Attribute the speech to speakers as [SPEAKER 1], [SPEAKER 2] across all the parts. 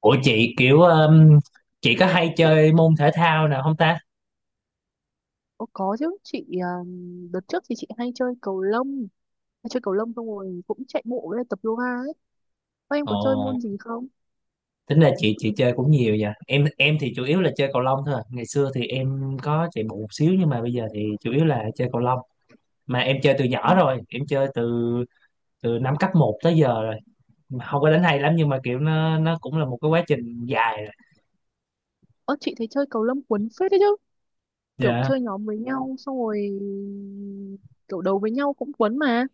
[SPEAKER 1] Ủa chị kiểu chị có hay chơi môn thể thao nào không ta?
[SPEAKER 2] Ồ, có chứ chị, đợt trước thì chị hay chơi cầu lông, xong rồi cũng chạy bộ với lại tập yoga ấy. Ô, em có chơi
[SPEAKER 1] Ồ,
[SPEAKER 2] môn gì không?
[SPEAKER 1] tính là chị chơi cũng nhiều vậy. Em thì chủ yếu là chơi cầu lông thôi. À. Ngày xưa thì em có chạy bộ một xíu nhưng mà bây giờ thì chủ yếu là chơi cầu lông. Mà em chơi từ
[SPEAKER 2] Ừ.
[SPEAKER 1] nhỏ rồi, em chơi từ từ năm cấp một tới giờ rồi. Mà không có đánh hay lắm, nhưng mà kiểu nó cũng là một cái quá trình dài rồi.
[SPEAKER 2] Ơ, chị thấy chơi cầu lông cuốn phết đấy chứ, kiểu
[SPEAKER 1] Dạ.
[SPEAKER 2] chơi nhóm với nhau xong rồi kiểu đấu với nhau cũng cuốn mà.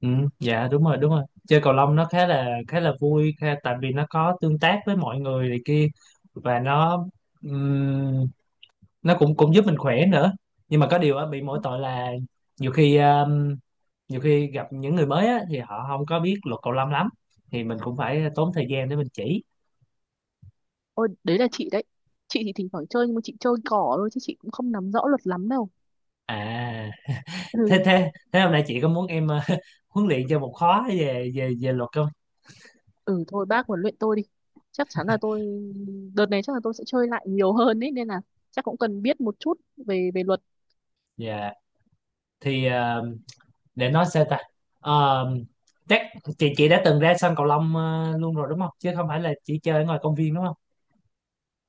[SPEAKER 1] Ừ, dạ đúng rồi, đúng rồi. Chơi cầu lông nó khá là vui khá, tại vì nó có tương tác với mọi người này kia, và nó cũng cũng giúp mình khỏe nữa, nhưng mà có điều á bị mỗi tội là nhiều khi um, nhiều khi gặp những người mới á, thì họ không có biết luật cầu lông lắm, thì mình cũng phải tốn thời gian để mình chỉ.
[SPEAKER 2] Ôi đấy là chị đấy, chị thì thỉnh thoảng chơi nhưng mà chị chơi cỏ thôi chứ chị cũng không nắm rõ luật lắm đâu.
[SPEAKER 1] À,
[SPEAKER 2] Ừ.
[SPEAKER 1] thế thế thế hôm nay chị có muốn em huấn luyện cho một khóa về về về luật không?
[SPEAKER 2] Ừ, thôi bác huấn luyện tôi đi, chắc chắn là tôi đợt này chắc là tôi sẽ chơi lại nhiều hơn ấy nên là chắc cũng cần biết một chút về về luật.
[SPEAKER 1] Dạ. Thì để nói sao ta. Um, Chắc chị đã từng ra sân cầu lông luôn rồi đúng không, chứ không phải là chỉ chơi ở ngoài công viên đúng không?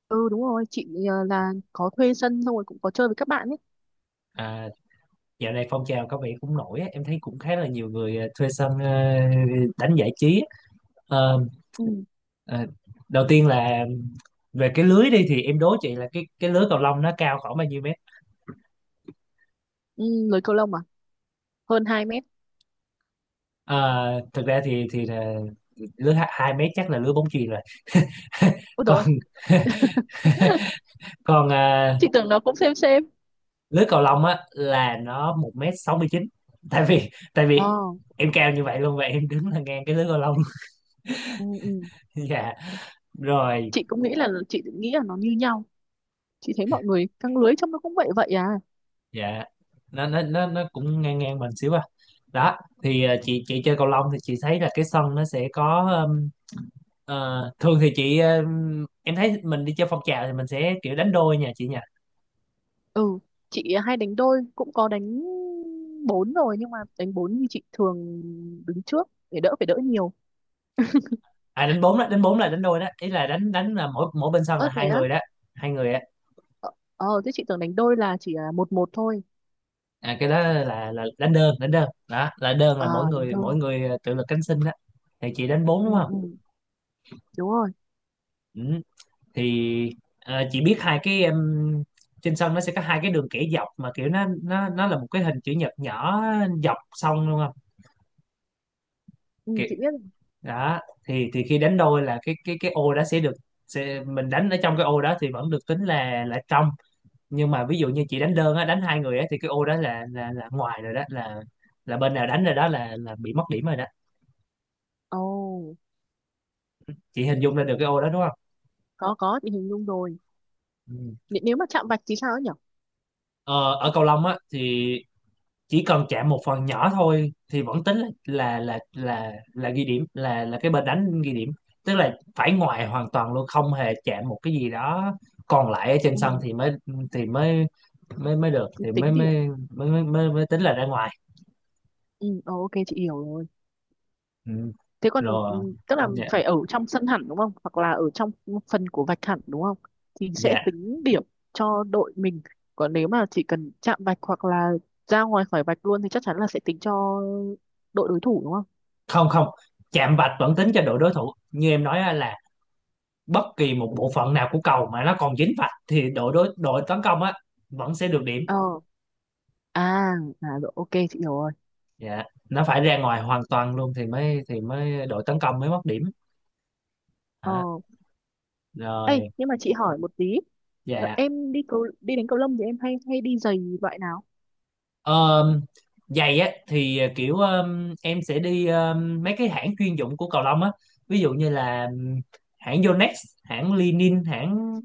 [SPEAKER 2] Ừ, đúng rồi chị, ờ, là có thuê sân xong rồi cũng có chơi với các bạn ấy.
[SPEAKER 1] À. Dạo này phong trào có vẻ cũng nổi á, em thấy cũng khá là nhiều người thuê sân, đánh giải trí á. Ờ,
[SPEAKER 2] Ừ,
[SPEAKER 1] ờ, Đầu tiên là về cái lưới đi, thì em đố chị là cái lưới cầu lông nó cao khoảng bao nhiêu mét?
[SPEAKER 2] ừ. Lưới cầu lông à? Hơn 2 mét.
[SPEAKER 1] Ờ, Thực ra thì là lưới hai hai mét chắc là lưới bóng chuyền rồi.
[SPEAKER 2] Ôi rồi.
[SPEAKER 1] Còn còn à,
[SPEAKER 2] Chị tưởng nó cũng xem xem.
[SPEAKER 1] lưới cầu lông á là nó 1,69 mét. Tại vì tại
[SPEAKER 2] Ờ.
[SPEAKER 1] vì em cao như vậy luôn, và em đứng là ngang cái lưới cầu lông.
[SPEAKER 2] Ừ, ừ.
[SPEAKER 1] Dạ. Rồi.
[SPEAKER 2] Chị cũng nghĩ là nó như nhau, chị thấy mọi người căng lưới trông nó cũng vậy vậy à.
[SPEAKER 1] Dạ, nó cũng ngang ngang mình xíu à. Đó. Thì chị chơi cầu lông thì chị thấy là cái sân nó sẽ có, thường thì chị, em thấy mình đi chơi phong trào thì mình sẽ kiểu đánh đôi nha chị nha.
[SPEAKER 2] Ừ, chị hay đánh đôi, cũng có đánh bốn rồi nhưng mà đánh bốn thì chị thường đứng trước để đỡ, phải đỡ nhiều.
[SPEAKER 1] À, đánh bốn đó. Đánh bốn là đánh đôi đó, ý là đánh đánh là mỗi mỗi bên sân là
[SPEAKER 2] Ơ
[SPEAKER 1] hai
[SPEAKER 2] thế á?
[SPEAKER 1] người đó, hai người á.
[SPEAKER 2] Ờ, ờ, thế chị tưởng đánh đôi là chỉ là một một thôi.
[SPEAKER 1] À, cái đó là đánh đơn đó. Là đơn là
[SPEAKER 2] Ờ. Đánh đôi.
[SPEAKER 1] mỗi người à, tự lực cánh sinh đó. Thì chị đánh bốn
[SPEAKER 2] Ừ,
[SPEAKER 1] đúng không?
[SPEAKER 2] ừ. Đúng rồi.
[SPEAKER 1] Ừ. Thì chị biết hai cái, trên sân nó sẽ có hai cái đường kẻ dọc, mà kiểu nó là một cái hình chữ nhật nhỏ dọc sông luôn không?
[SPEAKER 2] Ừ,
[SPEAKER 1] Kiểu
[SPEAKER 2] chị biết.
[SPEAKER 1] đó. Thì khi đánh đôi là cái ô đó sẽ được, mình đánh ở trong cái ô đó thì vẫn được tính là trong. Nhưng mà ví dụ như chị đánh đơn á, đánh hai người á, thì cái ô đó là ngoài rồi. Đó là bên nào đánh rồi, đó là bị mất điểm rồi đó.
[SPEAKER 2] Ồ,
[SPEAKER 1] Chị hình dung ra được cái ô đó đúng không?
[SPEAKER 2] có chị hình dung rồi.
[SPEAKER 1] Ừ.
[SPEAKER 2] N, nếu mà chạm vạch thì sao ấy nhỉ?
[SPEAKER 1] ờ, Ở cầu lông á thì chỉ cần chạm một phần nhỏ thôi thì vẫn tính là ghi điểm, là cái bên đánh ghi điểm. Tức là phải ngoài hoàn toàn luôn, không hề chạm một cái gì đó còn lại ở trên
[SPEAKER 2] Ừ,
[SPEAKER 1] sân, thì mới thì mới mới mới được, thì mới
[SPEAKER 2] tính điểm.
[SPEAKER 1] mới mới mới, mới, mới tính là ra ngoài.
[SPEAKER 2] Ừ, ờ, ok chị hiểu rồi.
[SPEAKER 1] Ừ.
[SPEAKER 2] Thế còn
[SPEAKER 1] Rồi.
[SPEAKER 2] ừ, tức là
[SPEAKER 1] Dạ.
[SPEAKER 2] phải ở trong sân hẳn đúng không, hoặc là ở trong phần của vạch hẳn đúng không thì sẽ
[SPEAKER 1] Dạ.
[SPEAKER 2] tính điểm cho đội mình. Còn nếu mà chỉ cần chạm vạch hoặc là ra ngoài khỏi vạch luôn thì chắc chắn là sẽ tính cho đội đối thủ đúng không?
[SPEAKER 1] Không, không, chạm vạch vẫn tính cho đội đối thủ, như em nói á, là bất kỳ một bộ phận nào của cầu mà nó còn dính vạch thì đội tấn công á vẫn sẽ được điểm.
[SPEAKER 2] Ờ. À, à rồi, ok chị hiểu rồi.
[SPEAKER 1] Dạ, nó phải ra ngoài hoàn toàn luôn thì mới đội tấn công mới mất điểm,
[SPEAKER 2] Ờ
[SPEAKER 1] hả?
[SPEAKER 2] ấy
[SPEAKER 1] Rồi.
[SPEAKER 2] nhưng mà chị hỏi một tí. Ờ,
[SPEAKER 1] Dạ.
[SPEAKER 2] em đi cầu, đi đánh cầu lông thì em hay hay đi giày loại nào?
[SPEAKER 1] um, Giày á thì, kiểu em sẽ đi mấy cái hãng chuyên dụng của cầu lông á. Ví dụ như là hãng Yonex, hãng Linin,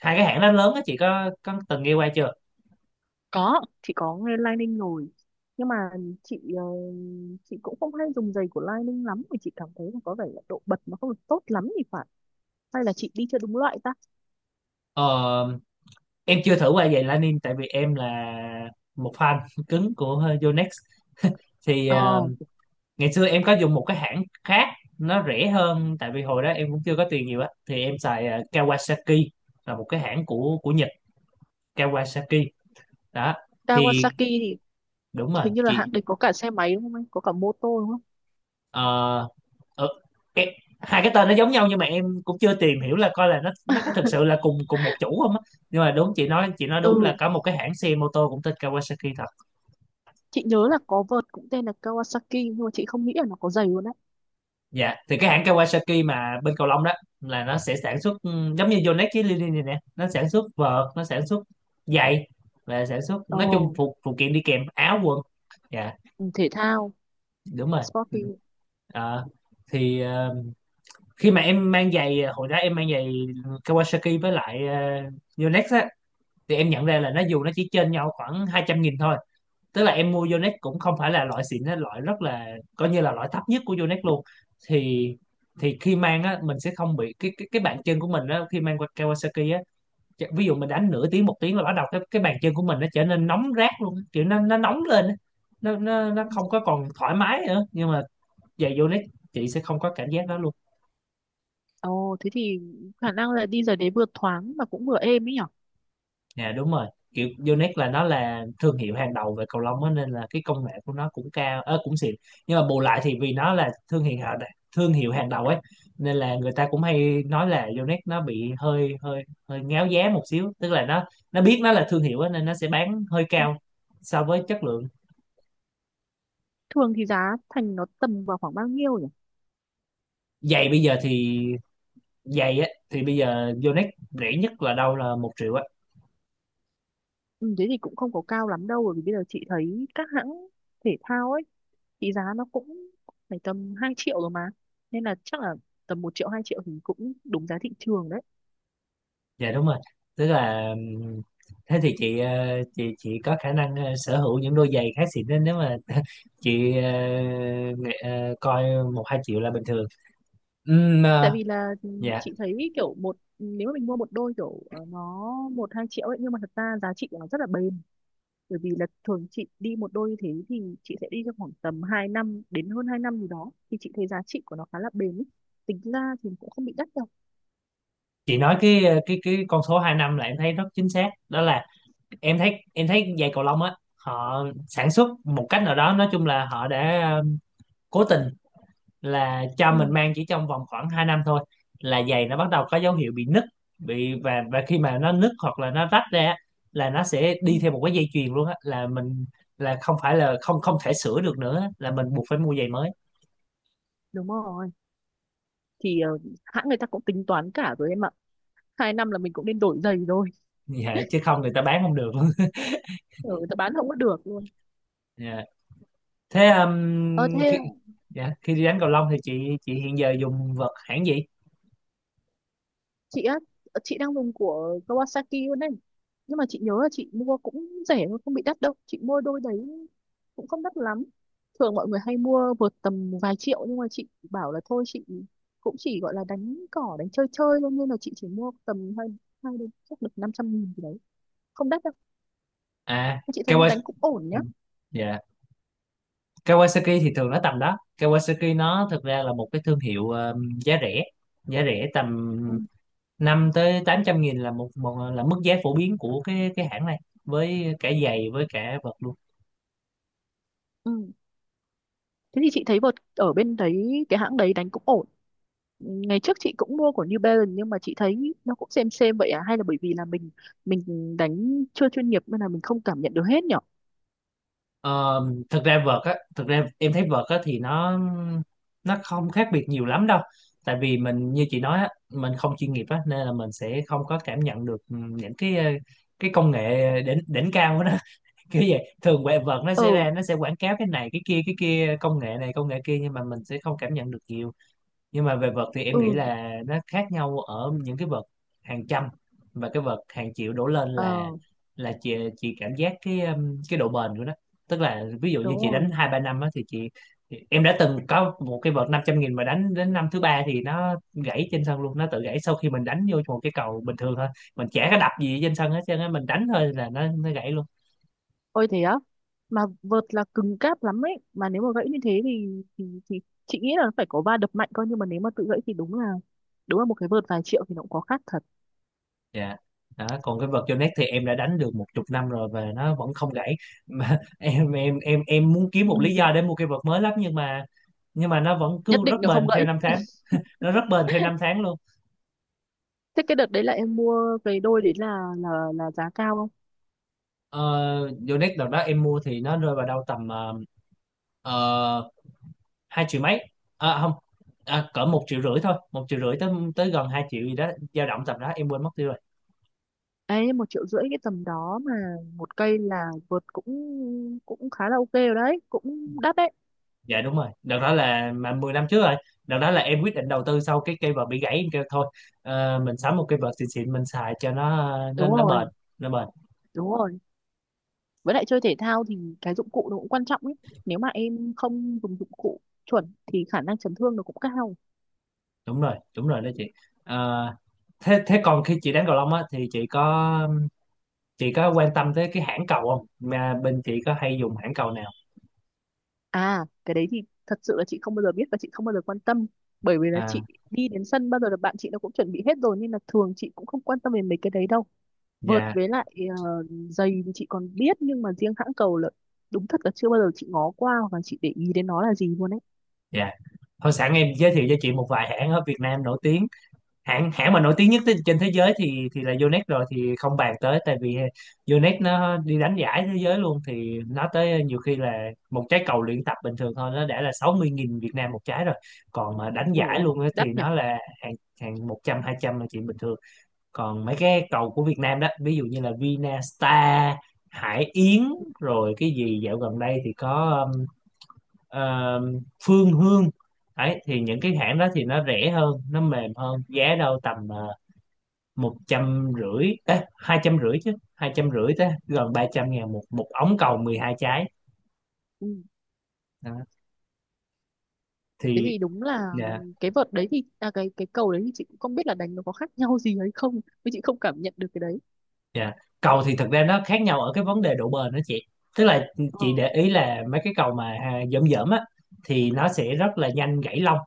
[SPEAKER 1] hai cái hãng đó lớn á, chị có từng nghe qua chưa?
[SPEAKER 2] Có, chị có nghe Lining rồi. Nhưng mà chị ờ, cũng không hay dùng giày của Lining lắm vì chị cảm thấy là có vẻ là độ bật nó không được tốt lắm thì phải. Hay là chị đi chưa đúng loại ta?
[SPEAKER 1] Ờ, em chưa thử qua giày Lanin, tại vì em là một fan cứng của Yonex. Thì
[SPEAKER 2] Ờ,
[SPEAKER 1] ngày xưa em có dùng một cái hãng khác, nó rẻ hơn, tại vì hồi đó em cũng chưa có tiền nhiều á, thì em xài Kawasaki, là một cái hãng của Nhật. Kawasaki đó. Thì
[SPEAKER 2] Kawasaki thì
[SPEAKER 1] đúng rồi
[SPEAKER 2] hình như là
[SPEAKER 1] chị.
[SPEAKER 2] hãng đấy có cả xe máy đúng không anh? Có cả mô tô đúng không?
[SPEAKER 1] ờ, ờ, em, hai cái tên nó giống nhau, nhưng mà em cũng chưa tìm hiểu là coi là nó có thực sự là cùng cùng một chủ không á. Nhưng mà đúng, chị nói đúng là
[SPEAKER 2] Ừ,
[SPEAKER 1] có một cái hãng xe mô tô cũng tên Kawasaki thôi.
[SPEAKER 2] chị nhớ là có vợt cũng tên là Kawasaki nhưng mà chị không nghĩ là nó có giày luôn đấy.
[SPEAKER 1] Dạ, thì cái hãng Kawasaki mà bên cầu lông đó là nó sẽ sản xuất, giống như Yonex với Lily này nè, nó sản xuất vợt, nó sản xuất giày, và sản xuất
[SPEAKER 2] Ồ,
[SPEAKER 1] nói chung phụ phụ kiện đi kèm áo quần. Dạ,
[SPEAKER 2] ừ, thể thao,
[SPEAKER 1] đúng rồi. Ừ.
[SPEAKER 2] sporty.
[SPEAKER 1] Ờ, thì khi mà em mang giày, hồi đó em mang giày Kawasaki với lại uh, Yonex á, thì em nhận ra là, nó dù nó chỉ trên nhau khoảng 200.000 thôi, tức là em mua Yonex cũng không phải là loại xịn á, loại rất là, coi như là loại thấp nhất của Yonex luôn, thì thì khi mang á mình sẽ không bị cái bàn chân của mình á. Khi mang qua Kawasaki á, ví dụ mình đánh nửa tiếng 1 tiếng là bắt đầu cái bàn chân của mình nó trở nên nóng rát luôn á, kiểu nó nóng lên á. Nó
[SPEAKER 2] Ừ.
[SPEAKER 1] không có còn thoải mái nữa, nhưng mà giày Yonex chị sẽ không có cảm giác đó luôn.
[SPEAKER 2] Ồ, thế thì khả năng là đi giày đấy vừa thoáng mà cũng vừa êm ấy nhở?
[SPEAKER 1] Dạ đúng rồi. Kiểu Yonex là nó là thương hiệu hàng đầu về cầu lông á, nên là cái công nghệ của nó cũng cao, cũng xịn. Nhưng mà bù lại, thì vì nó là thương hiệu hàng đầu ấy, nên là người ta cũng hay nói là Yonex nó bị hơi hơi hơi ngáo giá một xíu, tức là nó biết nó là thương hiệu á nên nó sẽ bán hơi cao so với chất lượng.
[SPEAKER 2] Thường thì giá thành nó tầm vào khoảng bao nhiêu nhỉ?
[SPEAKER 1] Giày bây giờ thì Giày á thì bây giờ Yonex rẻ nhất là đâu là 1 triệu á.
[SPEAKER 2] Ừ, thế thì cũng không có cao lắm đâu bởi vì bây giờ chị thấy các hãng thể thao ấy thì giá nó cũng phải tầm 2 triệu rồi mà, nên là chắc là tầm 1 triệu 2 triệu thì cũng đúng giá thị trường đấy.
[SPEAKER 1] Dạ đúng rồi. Tức là thế thì chị, chị có khả năng sở hữu những đôi giày khá xịn, nên nếu mà chị coi 1-2 triệu là bình thường. Ừm,
[SPEAKER 2] Tại
[SPEAKER 1] ờ,
[SPEAKER 2] vì là ừ,
[SPEAKER 1] dạ,
[SPEAKER 2] chị thấy kiểu, một nếu mà mình mua một đôi kiểu ờ, nó 1-2 triệu ấy, nhưng mà thật ra giá trị của nó rất là bền, bởi vì là thường chị đi một đôi như thế thì chị sẽ đi trong khoảng tầm 2 năm đến hơn 2 năm gì đó, thì chị thấy giá trị của nó khá là bền ý. Tính ra thì cũng không bị đắt đâu.
[SPEAKER 1] chị nói cái ờ, cái con số 2 năm là em thấy rất chính xác. Đó là em thấy giày cầu lông á họ sản xuất một cách nào đó, nói chung là họ đã cố tình là cho
[SPEAKER 2] Ừ,
[SPEAKER 1] mình mang chỉ trong vòng khoảng 2 năm thôi, là giày nó bắt đầu có dấu hiệu bị nứt, bị và khi mà nó nứt hoặc là nó rách ra á, là nó sẽ
[SPEAKER 2] ừ,
[SPEAKER 1] đi theo một cái dây chuyền luôn á, là mình, là không phải là không không thể sửa được nữa á, là mình buộc phải mua giày mới.
[SPEAKER 2] đúng rồi. Thì ờ, hãng người ta cũng tính toán cả rồi em ạ, 2 năm là mình cũng nên đổi giày rồi.
[SPEAKER 1] Dạ, chứ không người ta bán không được.
[SPEAKER 2] Ừ, người ta bán không có được luôn.
[SPEAKER 1] Dạ. Thế
[SPEAKER 2] Ờ thế
[SPEAKER 1] dạ, khi đi đánh cầu lông thì chị hiện giờ dùng vợt hãng gì?
[SPEAKER 2] chị á, chị đang dùng của Kawasaki luôn đấy nhưng mà chị nhớ là chị mua cũng rẻ thôi, không bị đắt đâu. Chị mua đôi đấy cũng không đắt lắm. Thường mọi người hay mua vượt tầm vài triệu nhưng mà chị bảo là thôi, chị cũng chỉ gọi là đánh cỏ, đánh chơi chơi thôi nên là chị chỉ mua tầm hai, hai đến chắc được 500.000 gì đấy, không đắt đâu.
[SPEAKER 1] À,
[SPEAKER 2] Chị thấy đánh
[SPEAKER 1] Kawasaki.
[SPEAKER 2] cũng ổn nhá.
[SPEAKER 1] Dạ, Kawasaki thì thường nó tầm đó. Kawasaki nó thực ra là một cái thương hiệu giá rẻ, giá rẻ tầm
[SPEAKER 2] Ừ.
[SPEAKER 1] 5 tới 800 nghìn là một là mức giá phổ biến của cái hãng này, với cả giày với cả vợt luôn.
[SPEAKER 2] Ừ. Thế thì chị thấy vợt ở bên đấy, cái hãng đấy đánh cũng ổn. Ngày trước chị cũng mua của New Balance nhưng mà chị thấy nó cũng xem vậy à, hay là bởi vì là mình đánh chưa chuyên nghiệp nên là mình không cảm nhận được hết nhở?
[SPEAKER 1] Ờ, thực ra vợt á, thực ra em thấy vợt á thì nó không khác biệt nhiều lắm đâu, tại vì mình như chị nói á, mình không chuyên nghiệp á nên là mình sẽ không có cảm nhận được những cái công nghệ đỉnh đỉnh cao đó, kiểu vậy. Thường quẹ vợt nó
[SPEAKER 2] Ờ,
[SPEAKER 1] sẽ ra, nó sẽ quảng cáo cái này cái kia, công nghệ này công nghệ kia, nhưng mà mình sẽ không cảm nhận được nhiều. Nhưng mà về vợt thì em
[SPEAKER 2] ừ,
[SPEAKER 1] nghĩ là nó khác nhau ở những cái vợt hàng trăm và cái vợt hàng triệu đổ lên, là
[SPEAKER 2] ờ,
[SPEAKER 1] chị cảm giác cái độ bền của nó. Tức là ví dụ như
[SPEAKER 2] đúng
[SPEAKER 1] chị đánh
[SPEAKER 2] rồi.
[SPEAKER 1] hai ba năm á thì chị, em đã từng có một cái vợt 500.000 mà đánh đến năm thứ ba thì nó gãy trên sân luôn, nó tự gãy sau khi mình đánh vô một cái cầu bình thường thôi, mình chả có đập gì trên sân hết trơn á, mình đánh thôi là nó gãy luôn.
[SPEAKER 2] Ôi thế á. Mà vợt là cứng cáp lắm ấy, mà nếu mà gãy như thế thì, chị nghĩ là phải có va đập mạnh coi, nhưng mà nếu mà tự gãy thì đúng là một cái vợt vài triệu thì nó cũng có khác thật.
[SPEAKER 1] Dạ. Đó, còn cái vật Yonex thì em đã đánh được một chục năm rồi và nó vẫn không gãy, mà em muốn kiếm một lý
[SPEAKER 2] Ừ.
[SPEAKER 1] do để mua cây vật mới lắm, nhưng mà, nhưng mà nó vẫn
[SPEAKER 2] Nhất
[SPEAKER 1] cứ rất
[SPEAKER 2] định nó không
[SPEAKER 1] bền theo
[SPEAKER 2] gãy.
[SPEAKER 1] năm tháng, nó rất bền theo năm tháng luôn.
[SPEAKER 2] Thế cái đợt đấy là em mua cái đôi đấy là giá cao không?
[SPEAKER 1] Ờ, Yonex đợt đó em mua thì nó rơi vào đâu tầm, uh, 2 triệu mấy, à không, à cỡ 1,5 triệu thôi, 1,5 triệu tới tới gần 2 triệu gì đó, dao động tầm đó em quên mất tiêu rồi.
[SPEAKER 2] Ấy 1,5 triệu cái tầm đó mà một cây là vượt cũng cũng khá là ok rồi đấy, cũng đắt đấy.
[SPEAKER 1] Dạ đúng rồi, đợt đó là mà 10 năm trước rồi. Đợt đó là em quyết định đầu tư sau cái cây vợt bị gãy, em kêu thôi mình sắm một cây vợt xịn xịn mình xài cho nó nó
[SPEAKER 2] Đúng
[SPEAKER 1] nó bền,
[SPEAKER 2] rồi,
[SPEAKER 1] nó bền.
[SPEAKER 2] đúng rồi, với lại chơi thể thao thì cái dụng cụ nó cũng quan trọng ấy, nếu mà em không dùng dụng cụ chuẩn thì khả năng chấn thương nó cũng cao.
[SPEAKER 1] Đúng rồi đúng rồi đó chị. Ờ, thế thế còn khi chị đánh cầu lông á thì chị có, chị có quan tâm tới cái hãng cầu không, mà bên chị có hay dùng hãng cầu nào?
[SPEAKER 2] À, cái đấy thì thật sự là chị không bao giờ biết và chị không bao giờ quan tâm, bởi vì là
[SPEAKER 1] À,
[SPEAKER 2] chị đi đến sân bao giờ là bạn chị nó cũng chuẩn bị hết rồi nên là thường chị cũng không quan tâm đến mấy cái đấy đâu. Vợt
[SPEAKER 1] dạ.
[SPEAKER 2] với lại ờ, giày thì chị còn biết nhưng mà riêng hãng cầu là đúng thật là chưa bao giờ chị ngó qua và chị để ý đến nó là gì luôn ấy.
[SPEAKER 1] Dạ thôi, sẵn em giới thiệu cho chị một vài hãng ở Việt Nam nổi tiếng. Hãng hãng mà nổi tiếng nhất trên thế giới thì là Yonex rồi thì không bàn tới, tại vì Yonex nó đi đánh giải thế giới luôn, thì nó tới nhiều khi là một trái cầu luyện tập bình thường thôi nó đã là sáu mươi 000 Việt Nam một trái rồi, còn mà đánh
[SPEAKER 2] Ôi
[SPEAKER 1] giải
[SPEAKER 2] ôi,
[SPEAKER 1] luôn á thì
[SPEAKER 2] đắt nhỉ.
[SPEAKER 1] nó là hàng, hàng 100 200 là chuyện bình thường. Còn mấy cái cầu của Việt Nam đó, ví dụ như là Vinastar, Hải Yến, rồi cái gì dạo gần đây thì có Phương Hương. Đấy, thì những cái hãng đó thì nó rẻ hơn, nó mềm hơn, giá đâu tầm 150.000, 250.000, chứ 250.000 tới gần 300.000 một một ống cầu 12 trái.
[SPEAKER 2] Ừ.
[SPEAKER 1] Đó.
[SPEAKER 2] Thế
[SPEAKER 1] Thì
[SPEAKER 2] thì đúng là
[SPEAKER 1] dạ.
[SPEAKER 2] cái vợt đấy thì, à, cái cầu đấy thì chị cũng không biết là đánh nó có khác nhau gì hay không, nhưng chị không cảm nhận được cái đấy.
[SPEAKER 1] Dạ cầu thì thực ra nó khác nhau ở cái vấn đề độ bền đó chị. Tức là
[SPEAKER 2] Ờ.
[SPEAKER 1] chị để ý là mấy cái cầu mà à, dởm dởm á thì nó sẽ rất là nhanh gãy lông,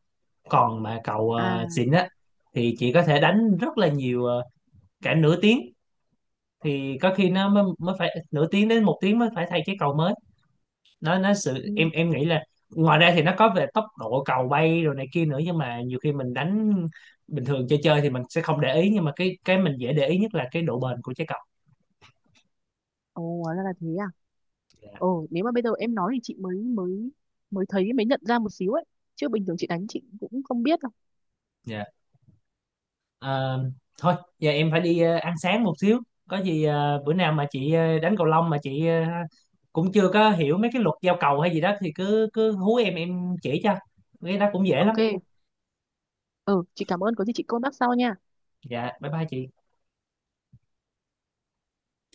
[SPEAKER 1] còn mà cầu
[SPEAKER 2] À.
[SPEAKER 1] xịn á thì chị có thể đánh rất là nhiều, cả nửa tiếng, thì có khi nó mới phải nửa tiếng đến một tiếng mới phải thay cái cầu mới. Nó nó sự em em
[SPEAKER 2] Ừ.
[SPEAKER 1] nghĩ là ngoài ra thì nó có về tốc độ cầu bay rồi này kia nữa, nhưng mà nhiều khi mình đánh bình thường chơi chơi thì mình sẽ không để ý, nhưng mà cái mình dễ để ý nhất là cái độ bền của trái cầu.
[SPEAKER 2] Ồ, hóa ra là thế à?
[SPEAKER 1] Dạ.
[SPEAKER 2] Ồ, nếu mà bây giờ em nói thì chị mới mới mới thấy, mới nhận ra một xíu ấy, chứ bình thường chị đánh chị cũng không biết đâu.
[SPEAKER 1] Dạ. Ờ, thôi giờ em phải đi ăn sáng một xíu. Có gì bữa nào mà chị đánh cầu lông mà chị cũng chưa có hiểu mấy cái luật giao cầu hay gì đó thì cứ cứ hú em chỉ cho, cái đó cũng dễ lắm.
[SPEAKER 2] Ok. Ừ, chị cảm ơn, có gì chị contact sau nha.
[SPEAKER 1] Dạ bye bye chị.